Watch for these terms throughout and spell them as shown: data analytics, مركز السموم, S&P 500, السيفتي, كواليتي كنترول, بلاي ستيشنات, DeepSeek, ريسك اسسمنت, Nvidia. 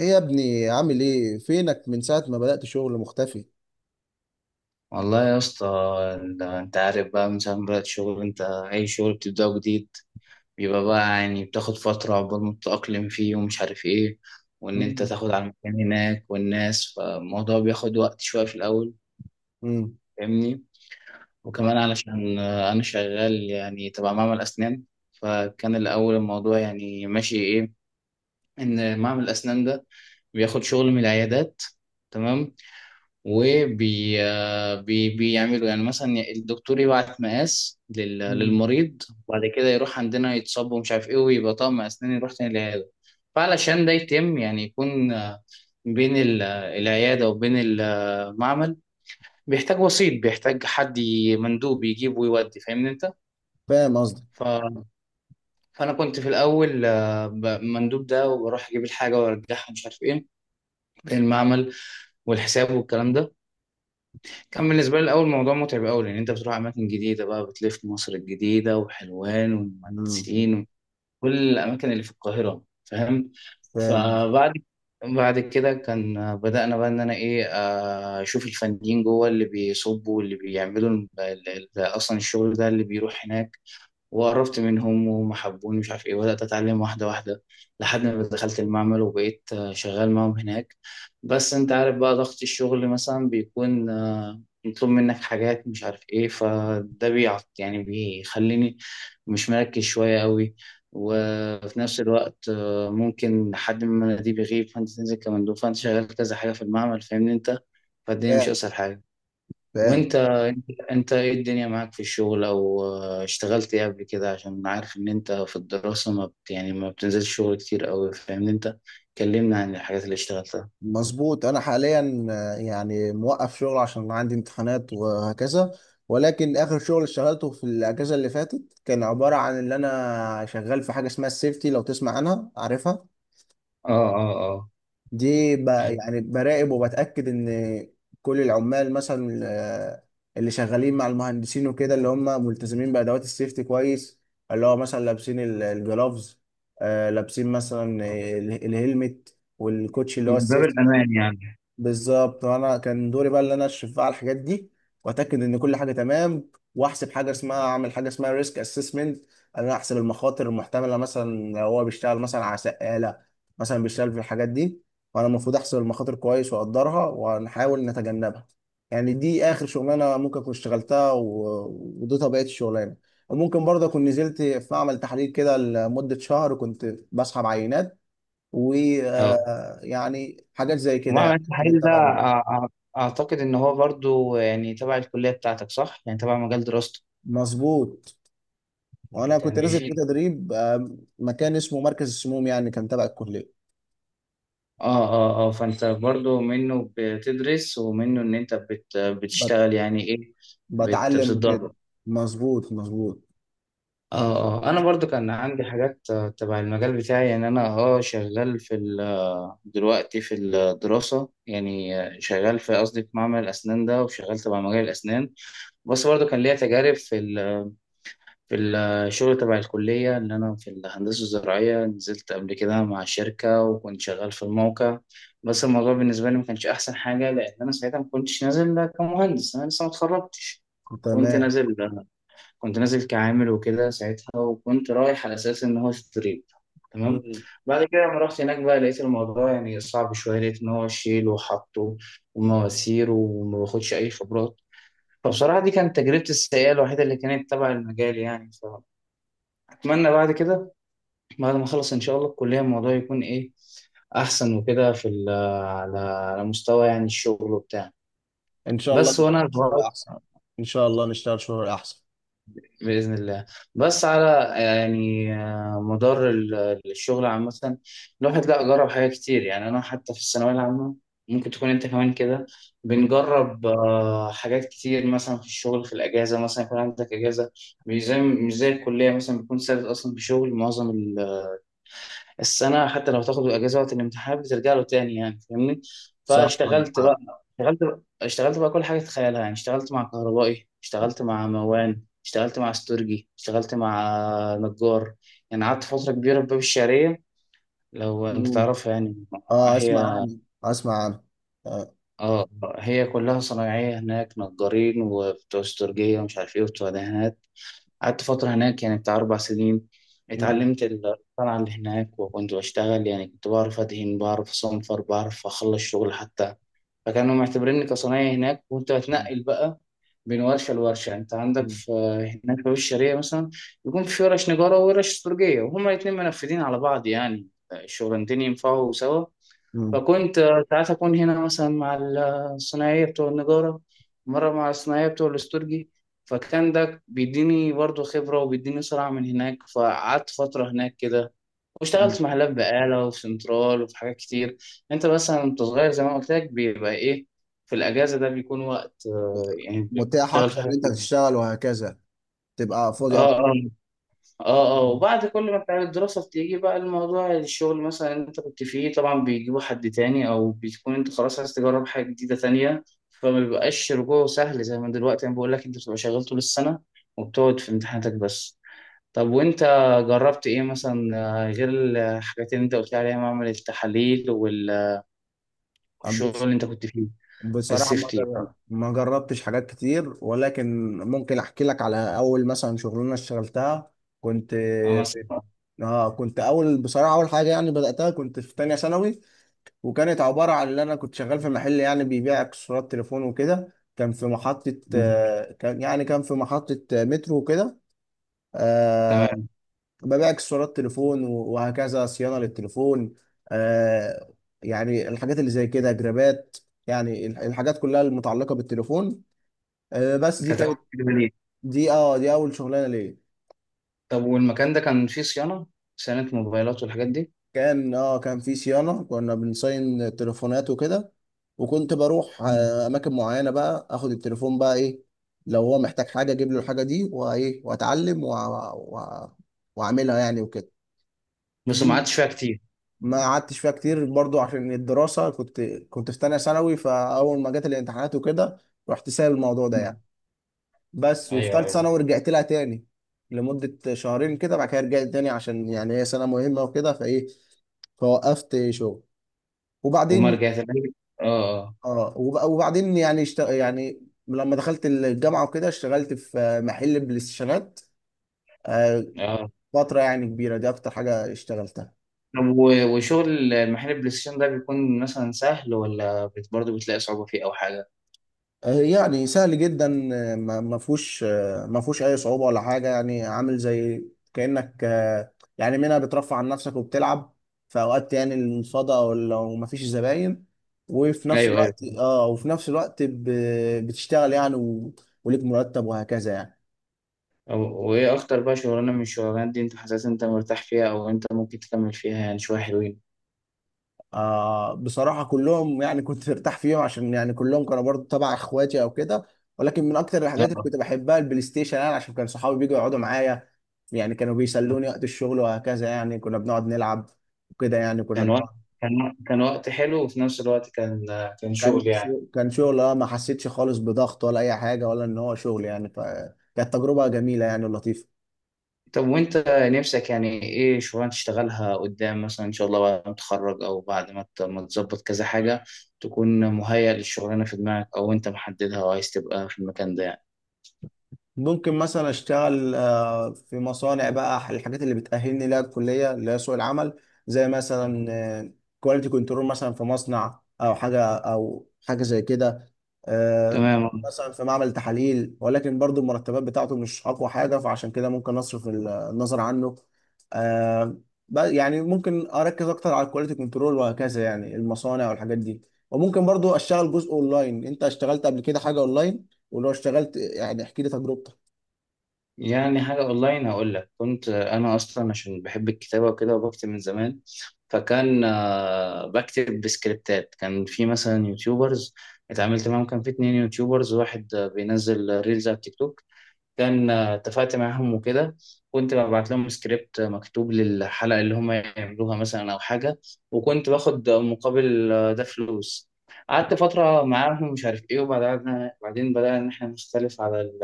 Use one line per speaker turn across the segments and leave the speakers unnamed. ايه يا ابني، عامل ايه؟ فينك من ساعة ما بدأت شغل؟ مختفي.
والله يا اسطى. انت عارف بقى من ساعة ما بدأت شغل، انت اي شغل بتبدأه جديد بيبقى بقى يعني بتاخد فترة عقبال ما تتأقلم فيه ومش عارف ايه، وان انت
مم.
تاخد على المكان هناك والناس، فالموضوع بياخد وقت شوية في الأول،
مم.
فاهمني. وكمان علشان انا شغال يعني تبع معمل اسنان، فكان الأول الموضوع يعني ماشي ايه، ان معمل الاسنان ده بياخد شغل من العيادات، تمام. وبي آه، بي بيعملوا يعني مثلا، الدكتور يبعت مقاس
مم.
للمريض، وبعد كده يروح عندنا يتصب ومش عارف ايه، ويبقى طقم اسنان يروح تاني للعياده. فعلشان ده يتم يعني يكون بين العياده وبين المعمل، بيحتاج وسيط، بيحتاج حد مندوب يجيب ويودي، فاهمني انت.
فاهم قصدك.
ف... فانا كنت في الاول مندوب ده، وبروح اجيب الحاجه وارجعها مش عارف ايه، المعمل والحساب والكلام ده كان بالنسبة لي الأول موضوع متعب أوي، لأن أنت بتروح أماكن جديدة بقى، بتلف مصر الجديدة وحلوان
مم.
والمهندسين وكل الأماكن اللي في القاهرة، فاهم.
فاهم.
فبعد كده كان بدأنا بقى إن أنا إيه أشوف الفنيين جوه اللي بيصبوا واللي بيعملوا أصلا الشغل ده اللي بيروح هناك، وقربت منهم وهم حبوني مش عارف ايه، بدأت اتعلم واحدة واحدة، لحد ما دخلت المعمل وبقيت شغال معاهم هناك. بس انت عارف بقى، ضغط الشغل مثلا بيكون مطلوب منك حاجات مش عارف ايه، فده بيعط يعني بيخليني مش مركز شوية قوي.
مم.
وفي نفس الوقت ممكن حد من المناديب يغيب، فانت تنزل كمندوب، فانت شغال كذا حاجة في المعمل، فاهمني انت. فالدنيا مش
فاهم.
اسهل حاجة.
فاهم.
وانت ايه الدنيا معاك في الشغل، او اشتغلت ايه قبل كده، عشان عارف ان انت في الدراسة ما بت يعني ما بتنزلش شغل كتير قوي، فاهمني انت، كلمنا عن الحاجات اللي اشتغلتها.
مظبوط. انا حاليا يعني موقف شغل عشان عندي امتحانات وهكذا. ولكن اخر شغل اشتغلته في الاجازة اللي فاتت كان عبارة عن ان انا شغال في حاجة اسمها السيفتي، لو تسمع عنها عارفها.
اه، اه، اه،
دي
يعني.
يعني براقب وبتأكد إن كل العمال مثلا اللي شغالين مع المهندسين وكده، اللي هم ملتزمين بأدوات السيفتي كويس. اللي هو مثلا لابسين الجلافز، لابسين مثلا
آه.
الهلمت والكوتشي اللي هو
من باب
السيفتي.
الأمان يعني.
بالظبط، وانا كان دوري بقى اللي انا اشرف بقى على الحاجات دي، واتاكد ان كل حاجه تمام، واحسب حاجه اسمها، اعمل حاجه اسمها ريسك اسسمنت. انا احسب المخاطر المحتمله، مثلا لو هو بيشتغل مثلا على سقاله، مثلا بيشتغل في الحاجات دي، فانا المفروض احسب المخاطر كويس واقدرها ونحاول نتجنبها. يعني دي اخر شغلانه ممكن اكون اشتغلتها ودي طبيعه الشغلانه. وممكن برضه اكون نزلت في معمل تحليل كده لمده شهر كنت بسحب عينات،
اه،
ويعني حاجات زي كده،
ومعمل
يعني حاجات
التحاليل ده
تبع.
اعتقد ان هو برضو يعني تبع الكلية بتاعتك، صح؟ يعني تبع مجال دراستك،
مظبوط. وانا كنت
كان
نازل في
بيفيد.
تدريب مكان اسمه مركز السموم، يعني كان تبع الكليه.
اه، اه، اه، فانت برضو منه بتدرس ومنه ان انت
بت-
بتشتغل يعني ايه،
بتعلم وكده.
بتتدرب.
مظبوط مظبوط.
اه. انا برضو كان عندي حاجات تبع المجال بتاعي، يعني انا اه شغال في دلوقتي في الدراسة يعني، شغال في قصدي في معمل الاسنان ده وشغال تبع مجال الاسنان. بس برضو كان ليا تجارب في في الشغل تبع الكلية، ان انا في الهندسة الزراعية نزلت قبل كده مع شركة وكنت شغال في الموقع. بس الموضوع بالنسبة لي ما كانش احسن حاجة، لان انا ساعتها ما كنتش نازل كمهندس، انا لسه ما اتخرجتش. كنت
تمام.
نازل آه، كنت نازل كعامل وكده ساعتها، وكنت رايح على اساس ان هو ستريب، تمام.
مم.
بعد كده لما رحت هناك بقى، لقيت الموضوع يعني صعب شويه، لقيت ان هو شيل وحطه ومواسير وما باخدش اي خبرات. فبصراحه دي كانت تجربتي السيئه الوحيده اللي كانت تبع المجال يعني. فاتمنى بعد ما اخلص ان شاء الله الكليه، الموضوع يكون ايه احسن وكده في على مستوى يعني الشغل وبتاع.
ان شاء الله
بس وانا
نشتغل شغل احسن. ان شاء الله نشتغل شغل احسن.
بإذن الله. بس على يعني مدار الشغل عامة، الواحد لا جرب حاجات كتير. يعني أنا حتى في الثانوية العامة، ممكن تكون أنت كمان كده،
مم.
بنجرب حاجات كتير مثلا في الشغل، في الأجازة مثلا يكون عندك أجازة، مش زي الكلية مثلا بيكون ثابت أصلا، بشغل معظم السنة، حتى لو تاخد الأجازة وقت الامتحان بترجع له تاني، يعني فاهمني.
صح، عندك
فاشتغلت
حق.
بقى اشتغلت بقى اشتغلت بقى كل حاجة تتخيلها يعني، اشتغلت مع كهربائي، اشتغلت مع موان، اشتغلت مع استورجي، اشتغلت مع نجار. يعني قعدت فترة كبيرة في باب الشعرية، لو انت
مم.
تعرفها يعني.
اه، اسمع
هي
عنه اسمع عنه. آه.
اه هي كلها صنايعية هناك، نجارين وبتوع استورجية ومش عارف ايه وبتوع دهانات. قعدت فترة هناك يعني بتاع 4 سنين،
مم.
اتعلمت الصنعة اللي هناك وكنت بشتغل، يعني كنت بعرف أدهن، بعرف أصنفر، بعرف أخلص شغل حتى. فكانوا معتبريني كصنايعي هناك، وكنت بتنقل بقى بين ورشة لورشة. يعني أنت عندك في هناك في الشرقية مثلا، يكون في ورش نجارة وورش استرجية وهما الاتنين منفذين على بعض، يعني الشغلانتين ينفعوا سوا.
مم.
فكنت ساعات أكون هنا مثلا مع الصناعية بتوع النجارة، مرة مع الصناعية بتوع الاسترجي، فكان ده بيديني برضه خبرة وبيديني سرعة من هناك. فقعدت فترة هناك كده، واشتغلت
مم.
في محلات بقالة وفي سنترال وفي حاجات كتير. انت مثلا وانت صغير زي ما قلت لك بيبقى ايه، في الأجازة ده بيكون وقت يعني
متاح
بتشتغل في
اكتر ان
حاجات
انت
كتير.
تشتغل وهكذا، تبقى فاضي اكتر.
اه، اه، اه، اه، وبعد كل ما بتاع الدراسة بتيجي بقى، الموضوع الشغل مثلا اللي انت كنت فيه طبعا بيجيبوا حد تاني، او بتكون انت خلاص عايز تجرب حاجة جديدة تانية. فما بيبقاش رجوعه سهل، زي ما دلوقتي انا بقول لك، انت بتبقى شغال طول السنة وبتقعد في امتحاناتك بس. طب وانت جربت ايه مثلا غير الحاجات اللي انت قلت لي عليها، معمل التحاليل
مم.
والشغل اللي انت كنت فيه،
بصراحة
السيفتي.
ما جربتش حاجات كتير، ولكن ممكن احكي لك على اول مثلا شغلانة اشتغلتها. كنت
اه
في
مثلا.
اه كنت اول، بصراحة اول حاجة يعني بدأتها، كنت في تانية ثانوي. وكانت عبارة عن ان انا كنت شغال في محل يعني بيبيع اكسسوارات تليفون وكده.
مم.
كان في محطة مترو وكده. آه،
تمام.
ببيع اكسسوارات تليفون وهكذا، صيانه للتليفون. آه يعني الحاجات اللي زي كده، جرابات، يعني الحاجات كلها المتعلقه بالتليفون. بس دي
كانت اول
كانت.
كده ليه؟
دي اول شغلانه ليه.
طب والمكان ده كان فيه صيانة، صيانة موبايلات والحاجات
كان في صيانه، كنا بنصين تليفونات وكده. وكنت بروح
دي؟
اماكن معينه، بقى اخد التليفون بقى ايه لو هو محتاج حاجه اجيب له الحاجه دي، وايه واتعلم وأ- واعملها يعني وكده.
بس
دي
ما قعدتش فيها كتير.
ما قعدتش فيها كتير برضو عشان الدراسة. كنت في تانية ثانوي، فأول ما جت الامتحانات وكده رحت سايب الموضوع ده
مم.
يعني. بس وفي
ايوه،
تالتة
ايوه.
ثانوي رجعت لها تاني لمدة شهرين كده، بعد كده رجعت تاني عشان يعني هي سنة مهمة وكده، فإيه فوقفت شغل.
وما
وبعدين.
رجعت لها؟ اه،
وبعدين يعني لما دخلت الجامعة وكده، اشتغلت في محل بلاي ستيشنات آه،
اه، اه.
فترة يعني كبيرة، دي أكتر حاجة اشتغلتها.
طب وشغل محل البلاي ستيشن ده بيكون مثلا سهل، ولا برضه بتلاقي صعوبة فيه او حاجة؟
يعني سهل جدا، ما فيهوش اي صعوبه ولا حاجه. يعني عامل زي كانك يعني منها بترفع عن نفسك وبتلعب في اوقات، يعني الفضاء او لو ما فيش زباين. وفي نفس
ايوه، ايوه.
الوقت بتشتغل يعني وليك مرتب وهكذا يعني.
وايه اكتر بقى شغلانة من الشغلانات دي انت حاسس انت مرتاح فيها، او انت ممكن تكمل فيها يعني شوية حلوين؟
بصراحة كلهم يعني كنت مرتاح فيهم عشان يعني كلهم كانوا برضو تبع اخواتي او كده. ولكن من اكتر الحاجات اللي كنت
اه.
بحبها البلاي ستيشن، يعني عشان كان صحابي بيجوا يقعدوا معايا، يعني كانوا
آه.
بيسلوني وقت الشغل وهكذا. يعني كنا بنقعد نلعب وكده، يعني كنا
كان وقت
بنقعد.
كان وقت حلو، وفي نفس الوقت كان شغل يعني.
كان شغل، ما حسيتش خالص بضغط ولا اي حاجة ولا ان هو شغل يعني، فكانت تجربة جميلة يعني، ولطيفة.
طب وانت نفسك يعني ايه شغلانه تشتغلها قدام مثلا ان شاء الله، بعد ما تتخرج، او بعد ما ما تظبط كذا حاجه، تكون مهيأ للشغلانه في دماغك، او انت محددها وعايز تبقى في المكان ده يعني؟
ممكن مثلا اشتغل في مصانع بقى الحاجات اللي بتأهلني لها الكلية اللي هي سوق العمل، زي مثلا كواليتي كنترول، مثلا في مصنع او حاجة او حاجة زي كده. آه،
تمام.
مثلا في معمل تحاليل، ولكن برضو المرتبات بتاعته مش اقوى حاجة، فعشان كده ممكن اصرف النظر عنه. آه، يعني ممكن اركز اكتر على الكواليتي كنترول وهكذا، يعني المصانع والحاجات دي. وممكن برضو اشتغل جزء اونلاين. انت اشتغلت قبل كده حاجة اونلاين؟ ولو اشتغلت يعني احكي لي تجربتك.
يعني حاجه اونلاين هقول لك. كنت انا اصلا عشان بحب الكتابه وكده، وبكتب من زمان، فكان بكتب بسكريبتات. كان في مثلا يوتيوبرز اتعاملت معاهم، كان في 2 يوتيوبرز، واحد بينزل ريلز على التيك توك، كان اتفقت معاهم وكده. كنت ببعت لهم سكريبت مكتوب للحلقة اللي هم يعملوها مثلا أو حاجة، وكنت باخد مقابل ده فلوس. قعدت فترة معاهم مش عارف إيه، وبعدين بدأنا إن إحنا نختلف على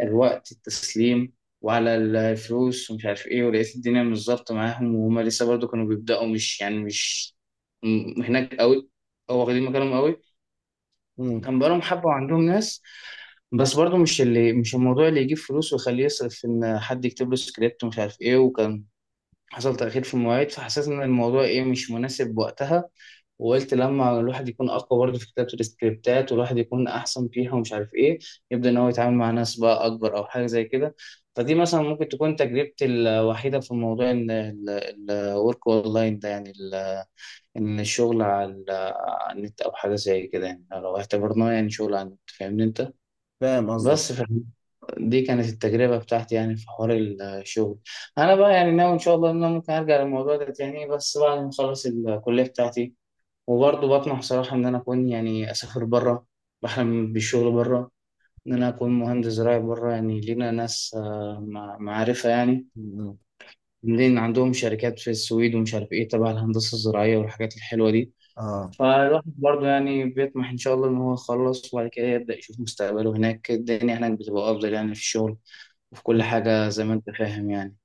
الوقت التسليم وعلى الفلوس ومش عارف إيه، ولقيت الدنيا مش ظابطة معاهم. وهم لسه برضو كانوا بيبدأوا، مش يعني مش هناك قوي أو واخدين مكانهم قوي،
امم.
كان بقالهم حبة وعندهم ناس. بس برضه مش اللي، مش الموضوع اللي يجيب فلوس ويخليه يصرف في ان حد يكتب له سكريبت ومش عارف ايه، وكان حصل تأخير في المواعيد. فحسيت ان الموضوع ايه، مش مناسب وقتها، وقلت لما الواحد يكون اقوى برضه في كتابة السكريبتات، والواحد يكون احسن فيها ومش عارف ايه، يبدأ ان هو يتعامل مع ناس بقى اكبر او حاجة زي كده. فدي مثلا ممكن تكون تجربتي الوحيدة في موضوع ان الورك اونلاين ده يعني، ان الشغل على النت او حاجه زي كده، يعني لو اعتبرناه يعني شغل على النت، فاهمني انت.
فاهم قصدك.
بس ف- دي كانت التجربه بتاعتي يعني في حوار الشغل. انا بقى يعني ناوي ان شاء الله ان انا ممكن ارجع للموضوع ده تاني، بس بعد ما اخلص الكليه بتاعتي. وبرضه بطمح صراحه ان انا اكون يعني اسافر بره، بحلم بالشغل بره، ان انا اكون مهندس زراعي بره، يعني لينا ناس معرفه يعني،
مم.
لان عندهم شركات في السويد ومش عارف ايه تبع الهندسه الزراعيه والحاجات الحلوه دي.
اه.
فالواحد برضه يعني بيطمح إن شاء الله إن هو يخلص، وبعد كده يبدأ يشوف مستقبله هناك. الدنيا هناك بتبقى أفضل، يعني في الشغل وفي كل
مم.
حاجة زي ما أنت فاهم يعني.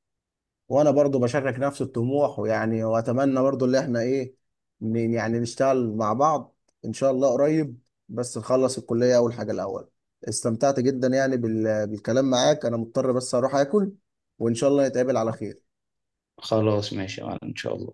وانا برضو بشارك نفس الطموح، ويعني واتمنى برضو اللي احنا ايه يعني نشتغل مع بعض ان شاء الله قريب. بس نخلص الكلية اول حاجة الاول. استمتعت جدا يعني بالكلام معاك. انا مضطر بس اروح اكل، وان شاء الله نتقابل على خير.
خلاص، ماشي يا معلم، إن شاء الله.